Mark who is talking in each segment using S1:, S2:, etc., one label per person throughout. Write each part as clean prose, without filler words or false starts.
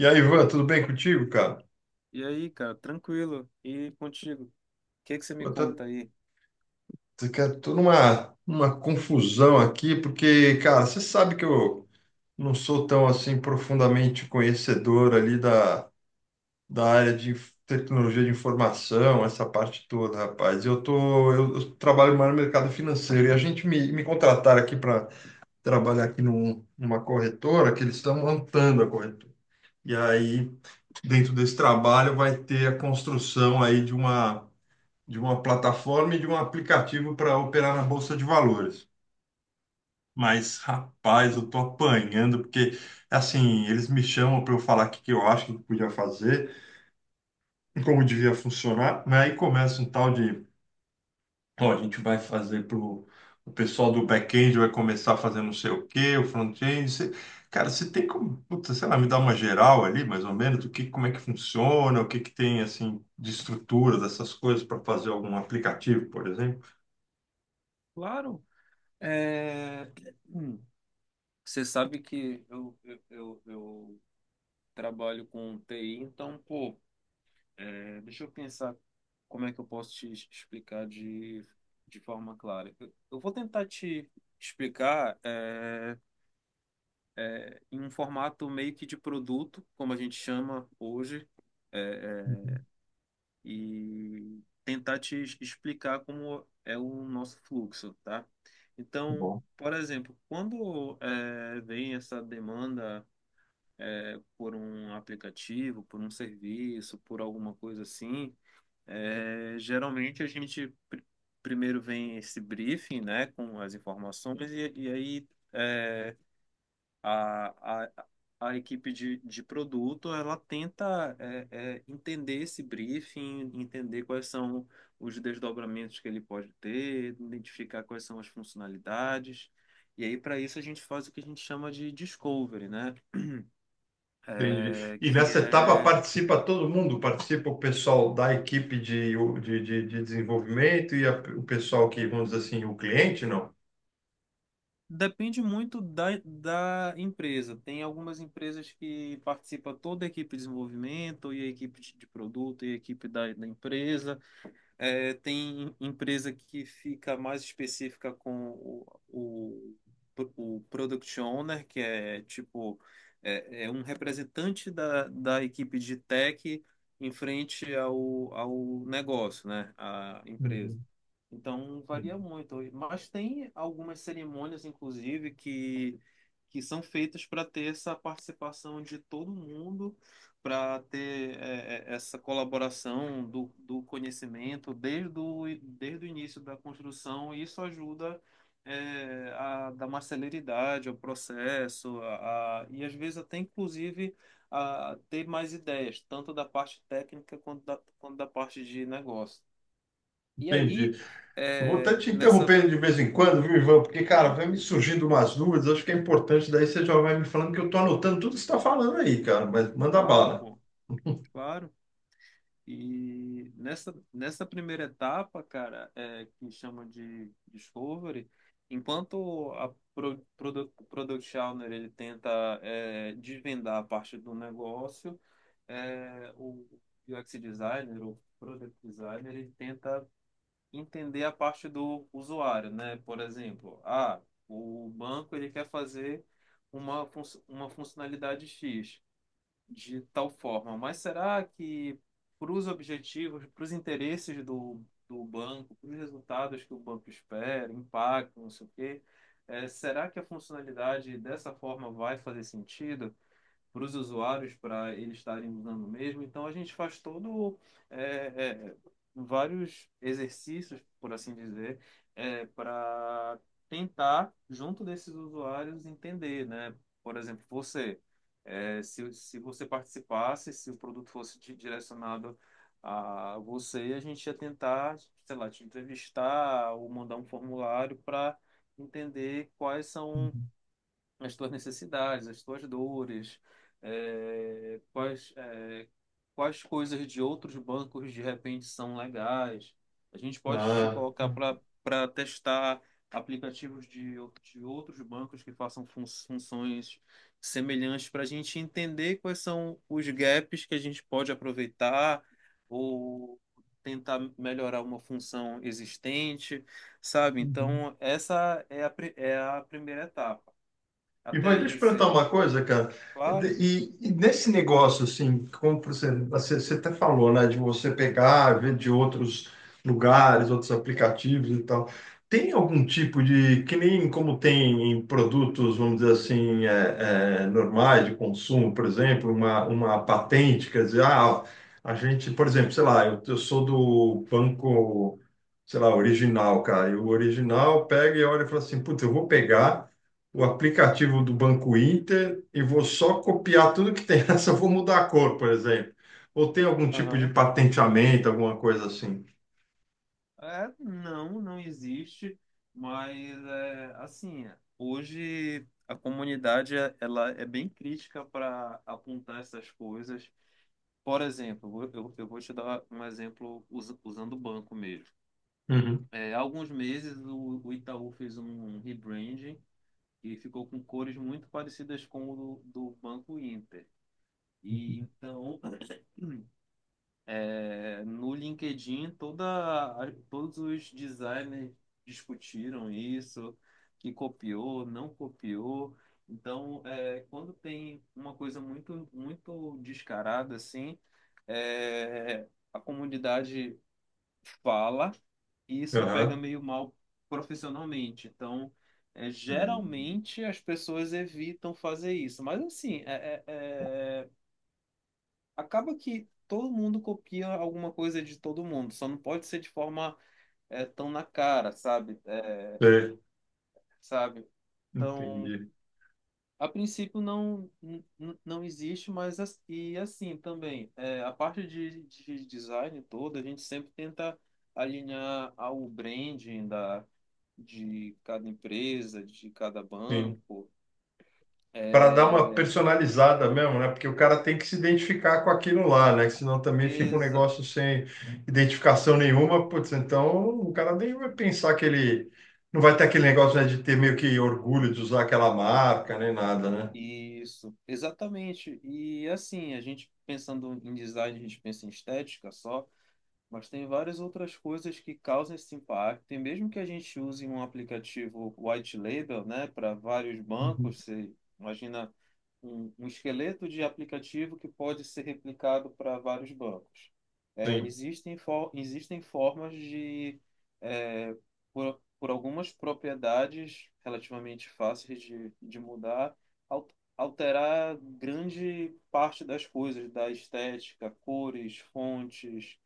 S1: E aí, Ivan, tudo bem contigo, cara?
S2: E aí, cara, tranquilo. E contigo? O que que você me
S1: Pô, tá,
S2: conta aí?
S1: cara, tô numa confusão aqui, porque, cara, você sabe que eu não sou tão, assim, profundamente conhecedor ali da área de tecnologia de informação, essa parte toda, rapaz. Eu tô, eu trabalho mais no mercado financeiro e a gente me contrataram aqui para trabalhar aqui numa corretora que eles estão montando a corretora. E aí, dentro desse trabalho, vai ter a construção aí de uma plataforma e de um aplicativo para operar na bolsa de valores. Mas, rapaz, eu
S2: Hum.
S1: tô apanhando, porque, assim, eles me chamam para eu falar o que que eu acho que podia fazer, como devia funcionar, né? Aí começa um tal de, ó, a gente vai fazer pro o pessoal do back-end vai começar a fazer não sei o quê, o front-end, cara, você tem como, puta, sei lá, me dar uma geral ali, mais ou menos, do que, como é que funciona, o que que tem, assim, de estrutura dessas coisas para fazer algum aplicativo, por exemplo?
S2: Claro, é... hum, você sabe que eu trabalho com TI, então, pô, deixa eu pensar como é que eu posso te explicar de forma clara. Eu vou tentar te explicar em um formato meio que de produto, como a gente chama hoje. é, é,
S1: Uhum.
S2: e tentar te explicar como é o nosso fluxo, tá?
S1: Tá
S2: Então,
S1: bom.
S2: por exemplo, quando vem essa demanda por um aplicativo, por um serviço, por alguma coisa assim, geralmente a gente primeiro vem esse briefing, né, com as informações e aí eh, a, a, a equipe de produto, ela tenta entender esse briefing, entender quais são os desdobramentos que ele pode ter, identificar quais são as funcionalidades. E aí, para isso, a gente faz o que a gente chama de discovery, né?
S1: Entendi.
S2: É,
S1: E
S2: que
S1: nessa etapa
S2: é...
S1: participa todo mundo? Participa o pessoal da equipe de desenvolvimento e o pessoal que, vamos dizer assim, o cliente, não?
S2: Depende muito da empresa. Tem algumas empresas que participa toda a equipe de desenvolvimento, e a equipe de produto, e a equipe da empresa. É, tem empresa que fica mais específica com o Product Owner, que é tipo é um representante da equipe de tech em frente ao negócio, né? A empresa.
S1: Uhum.
S2: Então varia muito. Mas tem algumas cerimônias, inclusive, que são feitas para ter essa participação de todo mundo, para ter essa colaboração do conhecimento desde o, desde o início da construção, e isso ajuda a dar mais celeridade ao processo, e às vezes até inclusive a ter mais ideias, tanto da parte técnica quanto da parte de negócio. E
S1: Entendi.
S2: aí,
S1: Eu vou até
S2: é,
S1: te
S2: nessa.
S1: interrompendo de vez em quando, viu, Ivan? Porque, cara, vai me
S2: Tranquilo.
S1: surgindo umas dúvidas, acho que é importante, daí você já vai me falando que eu tô anotando tudo que você está falando aí, cara, mas manda
S2: Claro,
S1: bala.
S2: pô, claro. E nessa primeira etapa, cara, é, que chama de Discovery, enquanto a Product Owner ele tenta desvendar a parte do negócio, o UX Designer, o Product Designer, ele tenta entender a parte do usuário, né? Por exemplo, ah, o banco ele quer fazer uma funcionalidade X de tal forma, mas será que para os objetivos, para os interesses do banco, para os resultados que o banco espera, impacto, não sei o quê, será que a funcionalidade dessa forma vai fazer sentido para os usuários, para eles estarem usando mesmo? Então a gente faz todo é, é, vários exercícios, por assim dizer, para tentar, junto desses usuários, entender, né? Por exemplo, você, se você participasse, se o produto fosse direcionado a você, a gente ia tentar, sei lá, te entrevistar ou mandar um formulário para entender quais são
S1: Uhum.
S2: as tuas necessidades, as tuas dores, eh, quais, eh, quais coisas de outros bancos de repente são legais. A gente pode te
S1: Ah.
S2: colocar para testar aplicativos de outros bancos que façam funções semelhantes para a gente entender quais são os gaps que a gente pode aproveitar ou tentar melhorar uma função existente, sabe?
S1: Uhum.
S2: Então, essa é é a primeira etapa.
S1: E
S2: Até
S1: vai, deixa
S2: aí
S1: eu perguntar
S2: você.
S1: uma coisa, cara. De-
S2: Claro.
S1: E, e nesse negócio, assim, como você até falou, né, de você pegar, ver de outros lugares, outros aplicativos e tal, tem algum tipo de, que nem como tem em produtos, vamos dizer assim, normais de consumo, por exemplo, uma patente, quer dizer, ah, a gente, por exemplo, sei lá, eu sou do banco, sei lá, original, cara, e o original pega e olha e fala assim, putz, eu vou pegar o aplicativo do Banco Inter e vou só copiar tudo que tem nessa, vou mudar a cor, por exemplo. Ou tem algum tipo de
S2: Aham.
S1: patenteamento, alguma coisa assim.
S2: É, não existe, mas é, assim, hoje a comunidade ela é bem crítica para apontar essas coisas. Por exemplo, eu vou te dar um exemplo usando o banco mesmo.
S1: Uhum.
S2: É, há alguns meses o Itaú fez um rebranding e ficou com cores muito parecidas com o do Banco Inter. E então, é, no LinkedIn, todos os designers discutiram isso, que copiou, não copiou. Então, é, quando tem uma coisa muito, muito descarada assim, é, a comunidade fala e isso pega
S1: Aham.
S2: meio mal profissionalmente. Então, é,
S1: Hum.
S2: geralmente as pessoas evitam fazer isso. Mas assim, é, acaba que todo mundo copia alguma coisa de todo mundo, só não pode ser de forma tão na cara, sabe? É,
S1: É,
S2: sabe? Então,
S1: entendi.
S2: a princípio não existe, mas e assim também, é, a parte de design toda, a gente sempre tenta alinhar ao branding da de cada empresa, de cada
S1: Sim.
S2: banco,
S1: Para dar uma
S2: é, e-
S1: personalizada mesmo, né? Porque o cara tem que se identificar com aquilo lá, né? Que senão também fica um
S2: exa-
S1: negócio sem identificação nenhuma. Putz, então o cara nem vai pensar que ele. Não vai ter aquele negócio, né, de ter meio que orgulho de usar aquela marca, nem nada, né?
S2: isso, exatamente. E assim, a gente pensando em design, a gente pensa em estética só, mas tem várias outras coisas que causam esse impacto. E mesmo que a gente use um aplicativo white label, né, para vários
S1: Uhum.
S2: bancos, você imagina um esqueleto de aplicativo que pode ser replicado para vários bancos. É,
S1: Sim.
S2: existem formas de, é, por algumas propriedades relativamente fáceis de mudar, al- alterar grande parte das coisas, da estética, cores, fontes,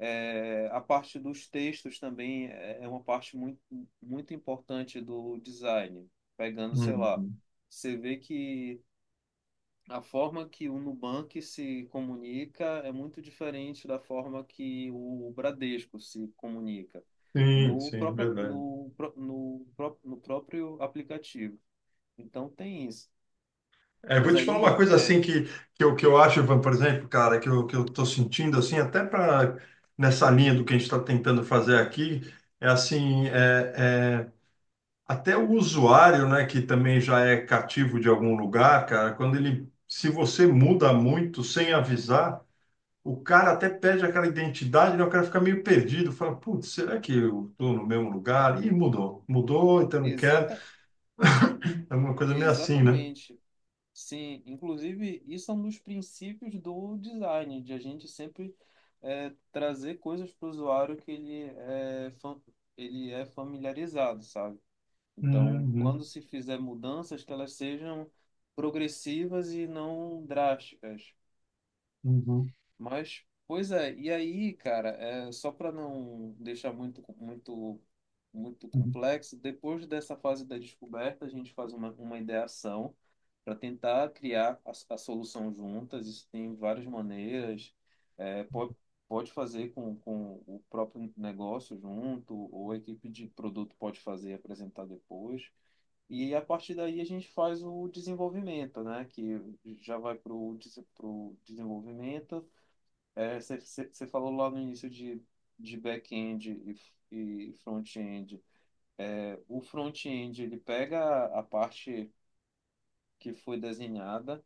S2: é, a parte dos textos também é é uma parte muito, muito importante do design. Pegando, sei lá,
S1: Uhum.
S2: você vê que a forma que o Nubank se comunica é muito diferente da forma que o Bradesco se comunica
S1: Sim,
S2: no
S1: sim,
S2: próprio,
S1: verdade.
S2: no, pró- no, pró- no próprio aplicativo. Então tem isso.
S1: É, vou
S2: Mas
S1: te falar uma
S2: aí
S1: coisa
S2: é
S1: assim que eu acho, Ivan, por exemplo, cara, que eu tô sentindo assim, até para nessa linha do que a gente está tentando fazer aqui, é assim, até o usuário, né, que também já é cativo de algum lugar, cara, quando ele, se você muda muito sem avisar, o cara até perde aquela identidade, né, o cara fica meio perdido, fala, putz, será que eu tô no mesmo lugar? Ih, mudou, mudou, então não quero,
S2: exata,
S1: é uma coisa meio assim, né?
S2: exatamente. Sim, inclusive, isso é um dos princípios do design, de a gente sempre trazer coisas para o usuário que ele é familiarizado, sabe? Então,
S1: Uhum,
S2: quando se fizer mudanças, que elas sejam progressivas e não drásticas.
S1: uhum,
S2: Mas, pois é, e aí, cara, é, só para não deixar muito, muito, muito
S1: uhum,
S2: complexo, depois dessa fase da descoberta, a gente faz uma ideação para tentar criar a solução juntas. Isso tem várias maneiras. É, pode, pode fazer com o próprio negócio junto, ou a equipe de produto pode fazer e apresentar depois. E a partir daí a gente faz o desenvolvimento, né? Que já vai para o desenvolvimento. Você é, falou lá no início de back-end e front-end. É, o front-end ele pega a parte que foi desenhada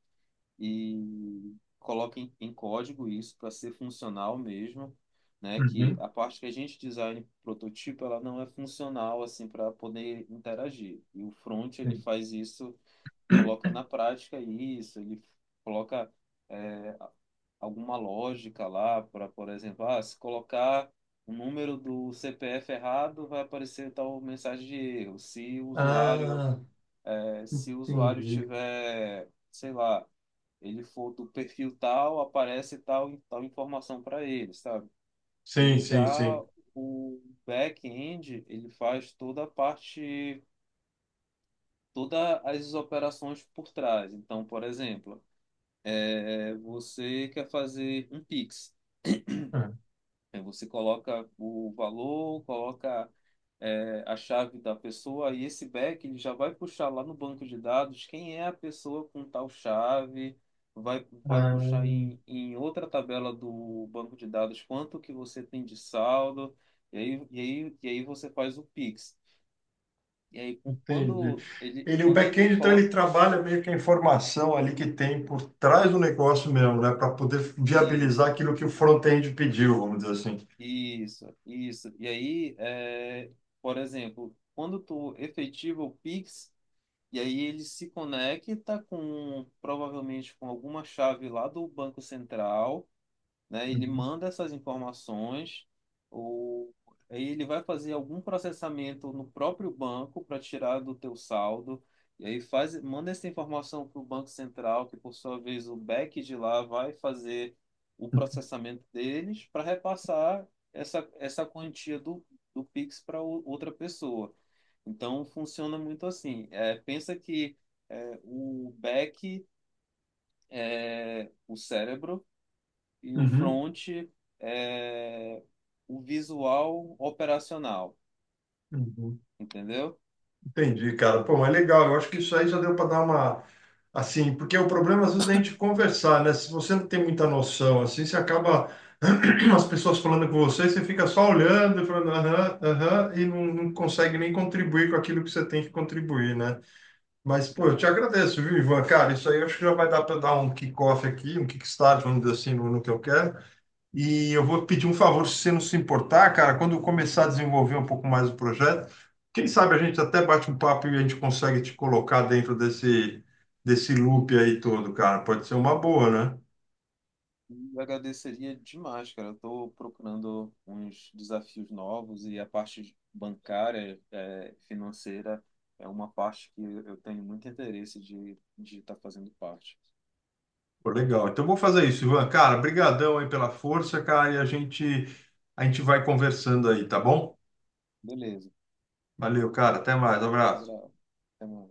S2: e coloquem em código isso para ser funcional mesmo, né? Que
S1: uhum,
S2: a parte que a gente design prototipo, ela não é funcional assim para poder interagir. E o front ele
S1: sim.
S2: faz isso, coloca na prática isso, ele coloca é, alguma lógica lá para, por exemplo, ah, se colocar o número do CPF errado, vai aparecer tal mensagem de erro. Se o usuário,
S1: Ah,
S2: se o usuário
S1: entendi.
S2: tiver, sei lá, ele for do perfil tal, aparece tal, tal informação para ele, sabe? E
S1: Sim, sim,
S2: já
S1: sim.
S2: o back-end, ele faz toda a parte, todas as operações por trás. Então, por exemplo, é, você quer fazer um Pix.
S1: Ah,
S2: É, você coloca o valor, coloca é, a chave da pessoa e esse back ele já vai puxar lá no banco de dados quem é a pessoa com tal chave, vai, vai puxar
S1: ah,
S2: em outra tabela do banco de dados quanto que você tem de saldo, e aí você faz o Pix. E aí
S1: entendi. Ele, o
S2: quando ele
S1: back-end, então, ele
S2: coloca
S1: trabalha meio que a informação ali que tem por trás do negócio mesmo, né? Para poder viabilizar
S2: isso,
S1: aquilo que o front-end pediu, vamos dizer assim.
S2: isso, e aí, é, por exemplo, quando tu efetiva o Pix, e aí ele se conecta com provavelmente com alguma chave lá do Banco Central, né? Ele
S1: Uhum,
S2: manda essas informações, ou aí ele vai fazer algum processamento no próprio banco para tirar do teu saldo. E aí faz, manda essa informação para o Banco Central, que por sua vez o back de lá vai fazer o processamento deles para repassar essa quantia do Pix para outra pessoa. Então funciona muito assim. É, pensa que é, o back é o cérebro e o
S1: uhum,
S2: front é o visual operacional,
S1: uhum.
S2: entendeu?
S1: Entendi, cara. Pô, mas legal. Eu acho que isso aí já deu para dar uma. Assim, porque o problema às vezes é a gente conversar, né? Se você não tem muita noção, assim, você acaba. As pessoas falando com você, você fica só olhando, e falando aham, aham, e não, não consegue nem contribuir com aquilo que você tem que contribuir, né? Mas, pô, eu te
S2: Não.
S1: agradeço, viu, Ivan? Cara, isso aí eu acho que já vai dar para dar um kick-off aqui, um kickstart, vamos dizer assim, no, no que eu quero. E eu vou pedir um favor, se você não se importar, cara, quando eu começar a desenvolver um pouco mais o projeto, quem sabe a gente até bate um papo e a gente consegue te colocar dentro desse, desse loop aí todo, cara. Pode ser uma boa, né?
S2: Eu agradeceria demais, cara. Eu estou procurando uns desafios novos e a parte bancária, é, financeira, é uma parte que eu tenho muito interesse de estar de tá fazendo parte.
S1: Pô, legal. Então eu vou fazer isso, Ivan. Cara, brigadão aí pela força, cara, e a gente vai conversando aí, tá bom?
S2: Beleza.
S1: Valeu, cara. Até mais. Abraço.
S2: Abraço. Até mais.